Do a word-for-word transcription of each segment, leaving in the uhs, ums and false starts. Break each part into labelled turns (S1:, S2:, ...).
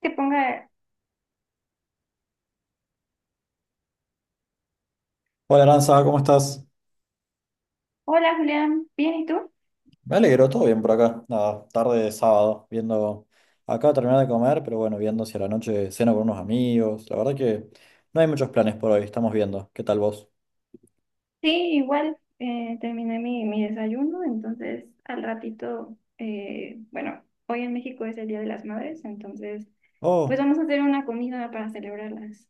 S1: Que ponga,
S2: Hola Aranza, ¿cómo estás?
S1: hola Julián, ¿bien y tú?
S2: Me alegro, todo bien por acá. Nada, tarde de sábado, viendo. Acabo de terminar de comer, pero bueno, viendo si a la noche ceno con unos amigos. La verdad que no hay muchos planes por hoy, estamos viendo. ¿Qué tal vos?
S1: Sí, igual, eh, terminé mi, mi desayuno, entonces al ratito, eh, bueno, hoy en México es el Día de las Madres, entonces pues
S2: Oh,
S1: vamos a hacer una comida para celebrarlas.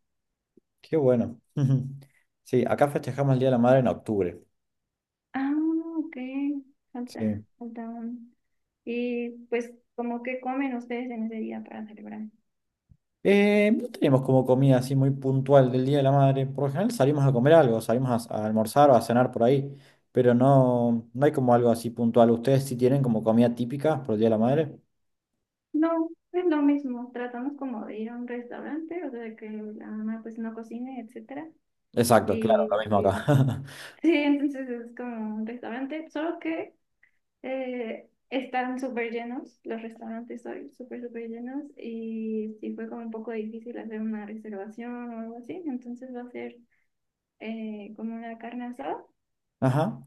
S2: qué bueno. Sí, acá festejamos el Día de la Madre en octubre.
S1: Ah, ok, falta,
S2: Sí.
S1: falta un- Y pues, ¿cómo que comen ustedes en ese día para celebrar?
S2: Eh, no tenemos como comida así muy puntual del Día de la Madre. Por lo general salimos a comer algo, salimos a, a almorzar o a cenar por ahí, pero no, no hay como algo así puntual. ¿Ustedes sí tienen como comida típica por el Día de la Madre?
S1: No, es lo mismo, tratamos como de ir a un restaurante, o sea, que la mamá pues no cocine, etcétera.
S2: Exacto, claro,
S1: Y
S2: lo mismo acá.
S1: sí, entonces es como un restaurante, solo que eh, están súper llenos, los restaurantes hoy súper, súper llenos y sí fue como un poco difícil hacer una reservación o algo así, entonces va a ser eh, como una carne asada,
S2: Ajá,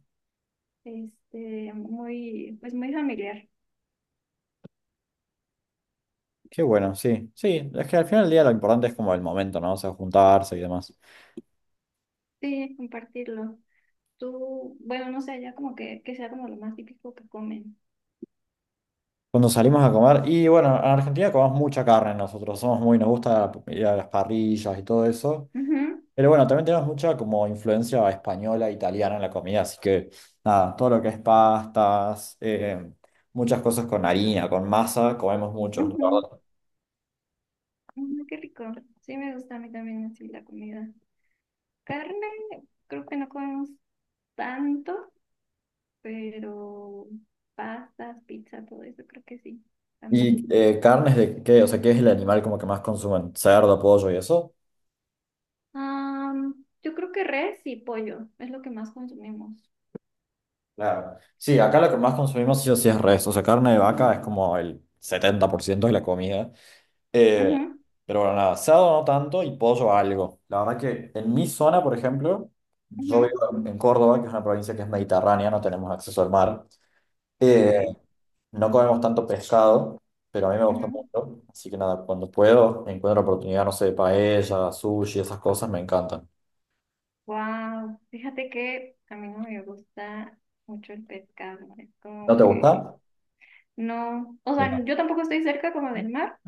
S1: este, muy, pues muy familiar,
S2: qué bueno, sí. Sí, es que al final del día lo importante es como el momento, ¿no? O sea, juntarse y demás.
S1: sí, compartirlo. Tú, bueno, no sé, ya como que, que sea como lo más típico que comen.
S2: Cuando salimos a comer, y bueno, en Argentina comemos mucha carne nosotros, somos muy, nos gusta ir a las parrillas y todo eso.
S1: Ujú,
S2: Pero bueno, también tenemos mucha como influencia española, italiana en la comida, así que nada, todo lo que es pastas, eh, muchas cosas con harina, con masa, comemos mucho, la
S1: ujú,
S2: verdad.
S1: ujú, qué rico, sí me gusta a mí también así la comida. Carne, creo que no comemos tanto, pero pastas, pizza, todo eso creo que sí,
S2: ¿Y
S1: también.
S2: eh, carnes de qué? O sea, ¿qué es el animal como que más consumen? ¿Cerdo, pollo y eso?
S1: Am, yo creo que res y pollo es lo que más consumimos.
S2: Claro. Sí, acá lo que más consumimos sí o sí es res. O sea, carne de vaca es como el setenta por ciento de la comida. Eh,
S1: Ujú,
S2: pero bueno, nada, asado no tanto y pollo algo. La verdad que en mi zona, por ejemplo, yo
S1: ujú,
S2: vivo en en Córdoba, que es una provincia que es mediterránea, no tenemos acceso al mar.
S1: ok,
S2: Eh, no comemos tanto pescado, pero a mí me gusta
S1: ujú.
S2: mucho. Así que nada, cuando puedo, encuentro oportunidad, no sé, de paella, sushi, esas cosas me encantan.
S1: Wow, fíjate que a mí no me gusta mucho el pescado, es
S2: ¿No
S1: como
S2: te
S1: que
S2: gusta?
S1: no, o
S2: Mira.
S1: sea, yo tampoco estoy cerca como del mar,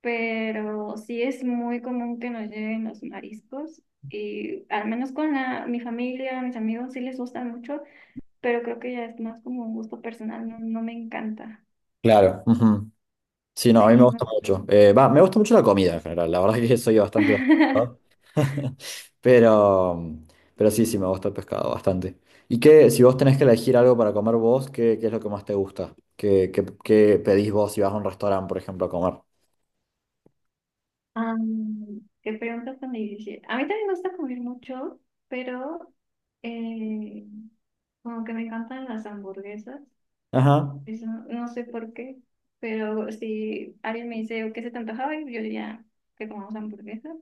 S1: pero sí es muy común que nos lleguen los mariscos y al menos con la, mi familia, mis amigos sí les gusta mucho. Pero creo que ya es más como un gusto personal, no, no me encanta.
S2: Claro. Ujú. Sí, no, a mí me
S1: Sí,
S2: gusta
S1: no.
S2: mucho. Eh, va, me gusta mucho la comida en general, la verdad que soy bastante... va- Pero, pero sí, sí, me gusta el pescado bastante. ¿Y qué, si vos tenés que elegir algo para comer vos, qué, qué es lo que más te gusta? ¿Qué, qué- qué pedís vos si vas a un restaurante, por ejemplo, a comer?
S1: Am, qué pregunta tan difícil. A mí también me gusta comer mucho, pero eh, como que me encantan las hamburguesas.
S2: Ajá.
S1: Eso, no sé por qué, pero si alguien me dice, ¿qué se te antojaba? Yo diría que comamos hamburguesas.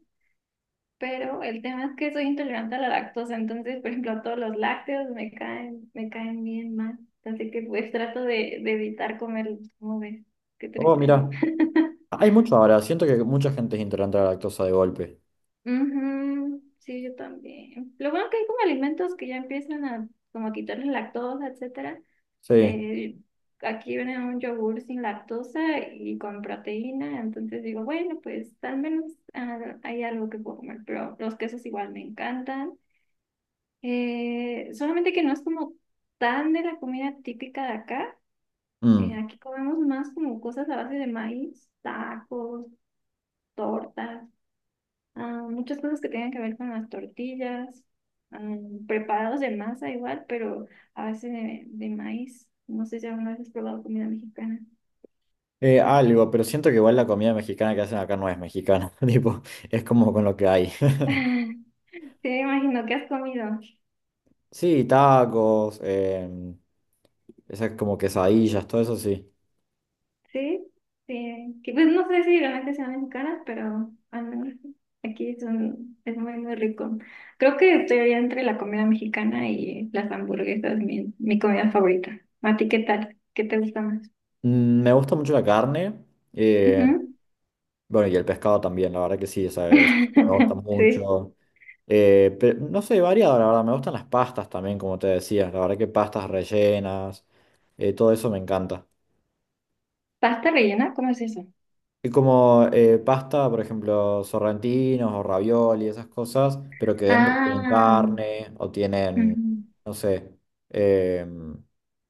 S1: Pero el tema es que soy intolerante a la lactosa, entonces, por ejemplo, todos los lácteos me caen, me caen bien mal. Así que pues trato de, de evitar comerlos, ¿como ves? Qué
S2: Oh,
S1: triste, ¿no?
S2: mira. Hay mucho ahora, siento que mucha gente es intolerante a la lactosa de golpe.
S1: Ujú, sí, yo también. Lo bueno que hay como alimentos que ya empiezan a como a quitarle lactosa, etcétera.
S2: Sí.
S1: Eh, aquí viene un yogur sin lactosa y con proteína, entonces digo, bueno, pues al menos ah, hay algo que puedo comer, pero los quesos igual me encantan. Eh, solamente que no es como tan de la comida típica de acá. Eh,
S2: Mm.
S1: aquí comemos más como cosas a base de maíz, tacos, tortas, ah, muchas cosas que tengan que ver con las tortillas, ah, preparados de masa igual, pero a base de, de maíz. No sé si alguna vez has probado comida mexicana.
S2: Eh, algo, pero siento que igual la comida mexicana que hacen acá no es mexicana, tipo, es como con lo que hay.
S1: Te imagino que has comido.
S2: Sí, tacos, em, esas como quesadillas, todo eso sí.
S1: Sí, sí, que pues no sé si realmente sean mexicanas, pero al menos aquí son, es muy, muy rico. Creo que estoy ahí entre la comida mexicana y las hamburguesas, mi, mi comida favorita. ¿A ti qué tal? ¿Qué te gusta más?
S2: Mm, me gusta mucho la carne, eh,
S1: Ujú.
S2: bueno, y el pescado también, la verdad que sí, ¿sabes? Me gusta
S1: Sí.
S2: mucho. Eh, pero no soy variado, la verdad, me gustan las pastas también, como te decía, la verdad que pastas rellenas, eh, todo eso me encanta.
S1: ¿Pasta rellena? ¿Cómo es eso?
S2: Y como eh, pasta, por ejemplo, sorrentinos o ravioli, esas cosas, pero que dentro tienen
S1: Ah,
S2: carne o tienen,
S1: ujú.
S2: no sé, em,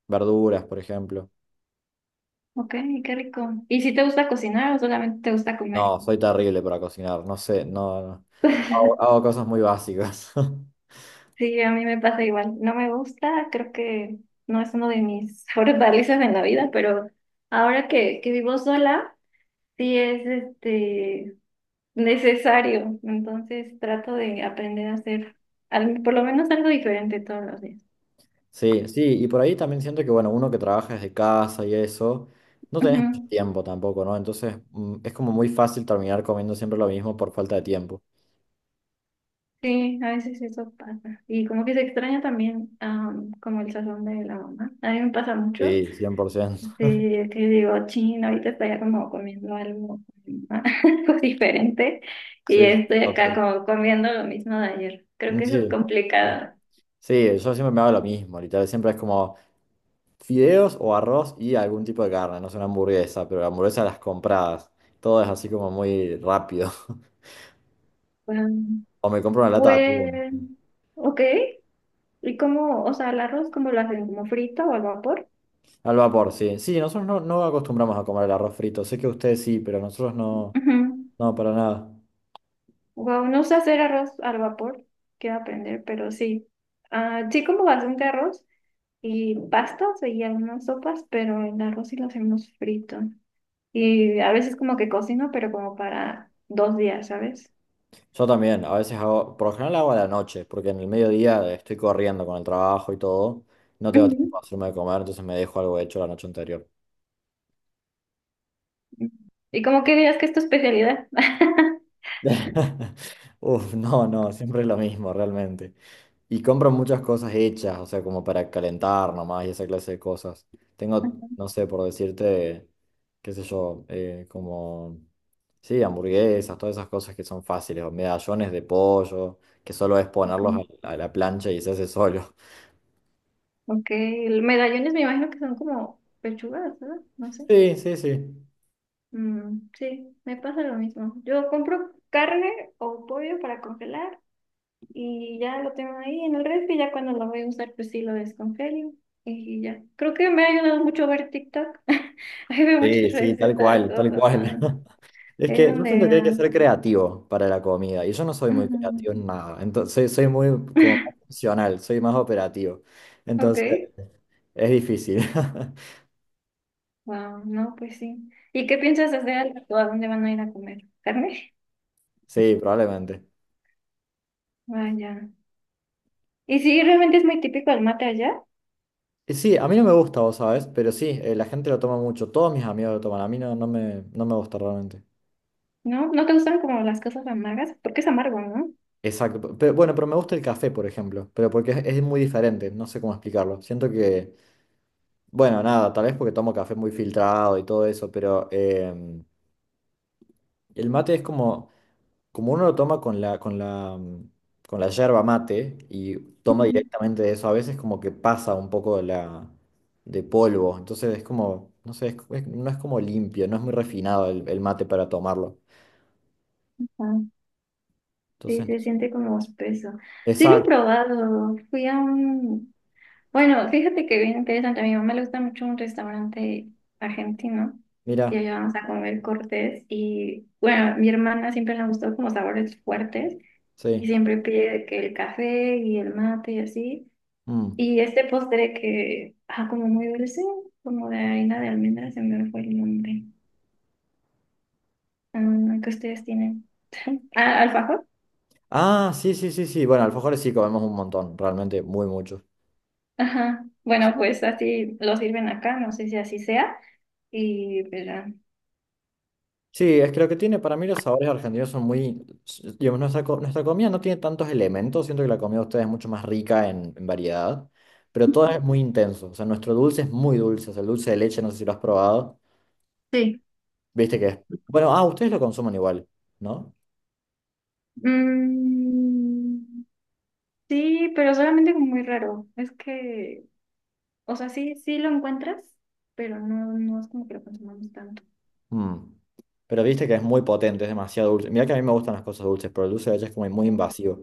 S2: verduras, por ejemplo.
S1: Ok, qué rico. ¿Y si te gusta cocinar o solamente te gusta comer?
S2: No, soy terrible para cocinar, no sé, no, no. Hago, hago cosas muy básicas.
S1: Sí, a mí me pasa igual. No me gusta, creo que no es uno de mis mejores valices en la vida, pero ahora que, que vivo sola, sí es este necesario. Entonces trato de aprender a hacer al- por lo menos algo diferente todos los días.
S2: Sí, sí, y por ahí también siento que, bueno, uno que trabaja desde casa y eso, no tenés mucho
S1: Ujú.
S2: tiempo tampoco, ¿no? Entonces, mm, es como muy fácil terminar comiendo siempre lo mismo por falta de tiempo.
S1: Sí, a veces eso pasa. Y como que se extraña también, am, como el sazón de la mamá. A mí me pasa mucho.
S2: Sí, cien por ciento.
S1: Sí, es que digo, chino, ahorita estoy como comiendo algo, algo diferente y
S2: Sí,
S1: estoy acá
S2: total.
S1: como comiendo lo mismo de ayer. Creo que eso es
S2: Sí.
S1: complicado.
S2: Sí, yo siempre me hago lo mismo, literal. Siempre es como fideos o arroz y algún tipo de carne. No es una hamburguesa, pero la hamburguesa las compradas. Todo es así como muy rápido.
S1: Um,
S2: O me compro una lata de atún.
S1: Pues, ok. ¿Y cómo, o sea, el arroz, cómo lo hacen? ¿Como frito o al vapor?
S2: Al vapor, sí. Sí, nosotros no, no acostumbramos a comer el arroz frito. Sé que ustedes sí, pero nosotros no.
S1: Ujú.
S2: No, para nada.
S1: Wow, no sé hacer arroz al vapor, quiero aprender, pero sí. Ah, sí, como bastante arroz y pastas y algunas sopas, pero el arroz sí lo hacemos frito. Y a veces como que cocino, pero como para dos días, ¿sabes?
S2: Yo también, a veces hago, por lo general hago a la noche, porque en el mediodía estoy corriendo con el trabajo y todo. No tengo tiempo
S1: Ujú.
S2: para hacerme de comer, entonces me dejo algo hecho la noche anterior.
S1: ¿Y como que dirías que es tu especialidad?
S2: Uf, no, no, siempre es lo mismo realmente. Y compro muchas cosas hechas, o sea, como para calentar nomás y esa clase de cosas. Tengo, no sé, por decirte, qué sé yo, eh, como, sí, hamburguesas, todas esas cosas que son fáciles, o medallones de pollo, que solo es
S1: Ok.
S2: ponerlos a, a la plancha y se hace solo.
S1: Ok, el medallones me imagino que son como pechugas, ¿verdad? No sé.
S2: Sí, sí, sí.
S1: Mm, sí, me pasa lo mismo. Yo compro carne o pollo para congelar y ya lo tengo ahí en el refri, ya cuando lo voy a usar pues sí lo descongelo y ya. Creo que me ha ayudado mucho ver TikTok. Ahí veo
S2: Sí,
S1: muchas
S2: sí, tal
S1: recetas,
S2: cual,
S1: o
S2: tal cual.
S1: sea,
S2: Es
S1: es
S2: que yo
S1: donde
S2: siento que hay que
S1: ah,
S2: ser creativo para la comida y yo no soy muy
S1: ujú.
S2: creativo en nada, entonces soy, soy muy como más funcional, soy más operativo,
S1: Ok,
S2: entonces es difícil.
S1: wow, no, pues sí. ¿Y qué piensas hacer al rato? ¿A dónde van a ir a comer? ¿Carne?
S2: Sí, probablemente.
S1: Vaya. Y sí, realmente es muy típico el mate allá,
S2: Y sí, a mí no me gusta, vos sabés, pero sí, eh, la gente lo toma mucho, todos mis amigos lo toman, a mí no, no me, no me gusta realmente.
S1: ¿no? ¿No te gustan como las cosas amargas? Porque es amargo, ¿no?
S2: Exacto. Pero, bueno, pero me gusta el café, por ejemplo. Pero porque es, es muy diferente, no sé cómo explicarlo. Siento que, bueno, nada, tal vez porque tomo café muy filtrado y todo eso, pero em, el mate es como, como uno lo toma con la, con la, mm, con la yerba mate y toma
S1: Ujú.
S2: directamente de eso, a veces como que pasa un poco de la, de polvo. Entonces es como, no sé, es- es- no es como limpio, no es muy refinado el, el mate para tomarlo.
S1: Ah, sí,
S2: Entonces, no
S1: se
S2: sé.
S1: siente como espeso. Sí, lo he
S2: Exacto,
S1: probado. Fui a un... Bueno, fíjate que bien interesante. A mi mamá le gusta mucho un restaurante argentino. Y
S2: mira,
S1: allá vamos a comer cortes. Y bueno, a mi hermana siempre le gustó como sabores fuertes. Y
S2: sí.
S1: siempre pide de que el café y el mate y así.
S2: Mm.
S1: Y este postre que, ah, como muy dulce, como de harina de almendras, se me fue el nombre. Ah, que ustedes tienen. Ah, alfajor.
S2: Ah, sí, sí, sí, sí. Bueno, alfajores sí comemos un montón, realmente, muy mucho.
S1: Ajá. Bueno, pues así lo sirven acá, no sé si así sea. Y, pero,
S2: Sí, es que lo que tiene para mí los sabores argentinos son muy, s- digamos, nuestra, co- nuestra comida no tiene tantos elementos, siento que la comida de ustedes es mucho más rica en, en variedad, pero todo es muy intenso, o sea, nuestro dulce es muy dulce, o sea, el dulce de leche, no sé si lo has probado,
S1: sí.
S2: viste que es, bueno, ah, ustedes lo consumen igual, ¿no?
S1: Mm, sí, pero solamente como muy raro. Es que, o sea, sí, sí lo encuentras, pero no, no es como que lo consumamos tanto.
S2: Mm. Pero viste que es muy potente, es demasiado dulce. Mira que a mí me gustan las cosas dulces, pero el dulce de leche es como muy
S1: Mm.
S2: invasivo.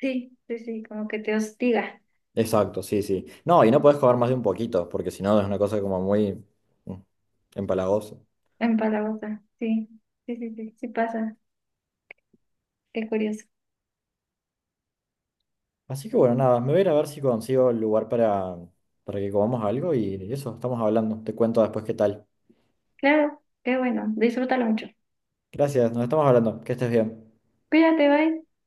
S1: Sí, sí, sí, como que te hostiga.
S2: Exacto, sí, sí. No, y no podés comer más de un poquito, porque si no es una cosa como muy mm, empalagosa.
S1: En Palabosa, sí, sí, sí, sí, sí pasa. Qué curioso.
S2: Así que bueno, nada, me voy a ir a ver si consigo el lugar para, para que comamos algo y eso, estamos hablando. Te cuento después qué tal.
S1: Claro, qué bueno. Disfrútalo mucho.
S2: Gracias, nos estamos hablando. Que estés bien.
S1: Cuídate, bye.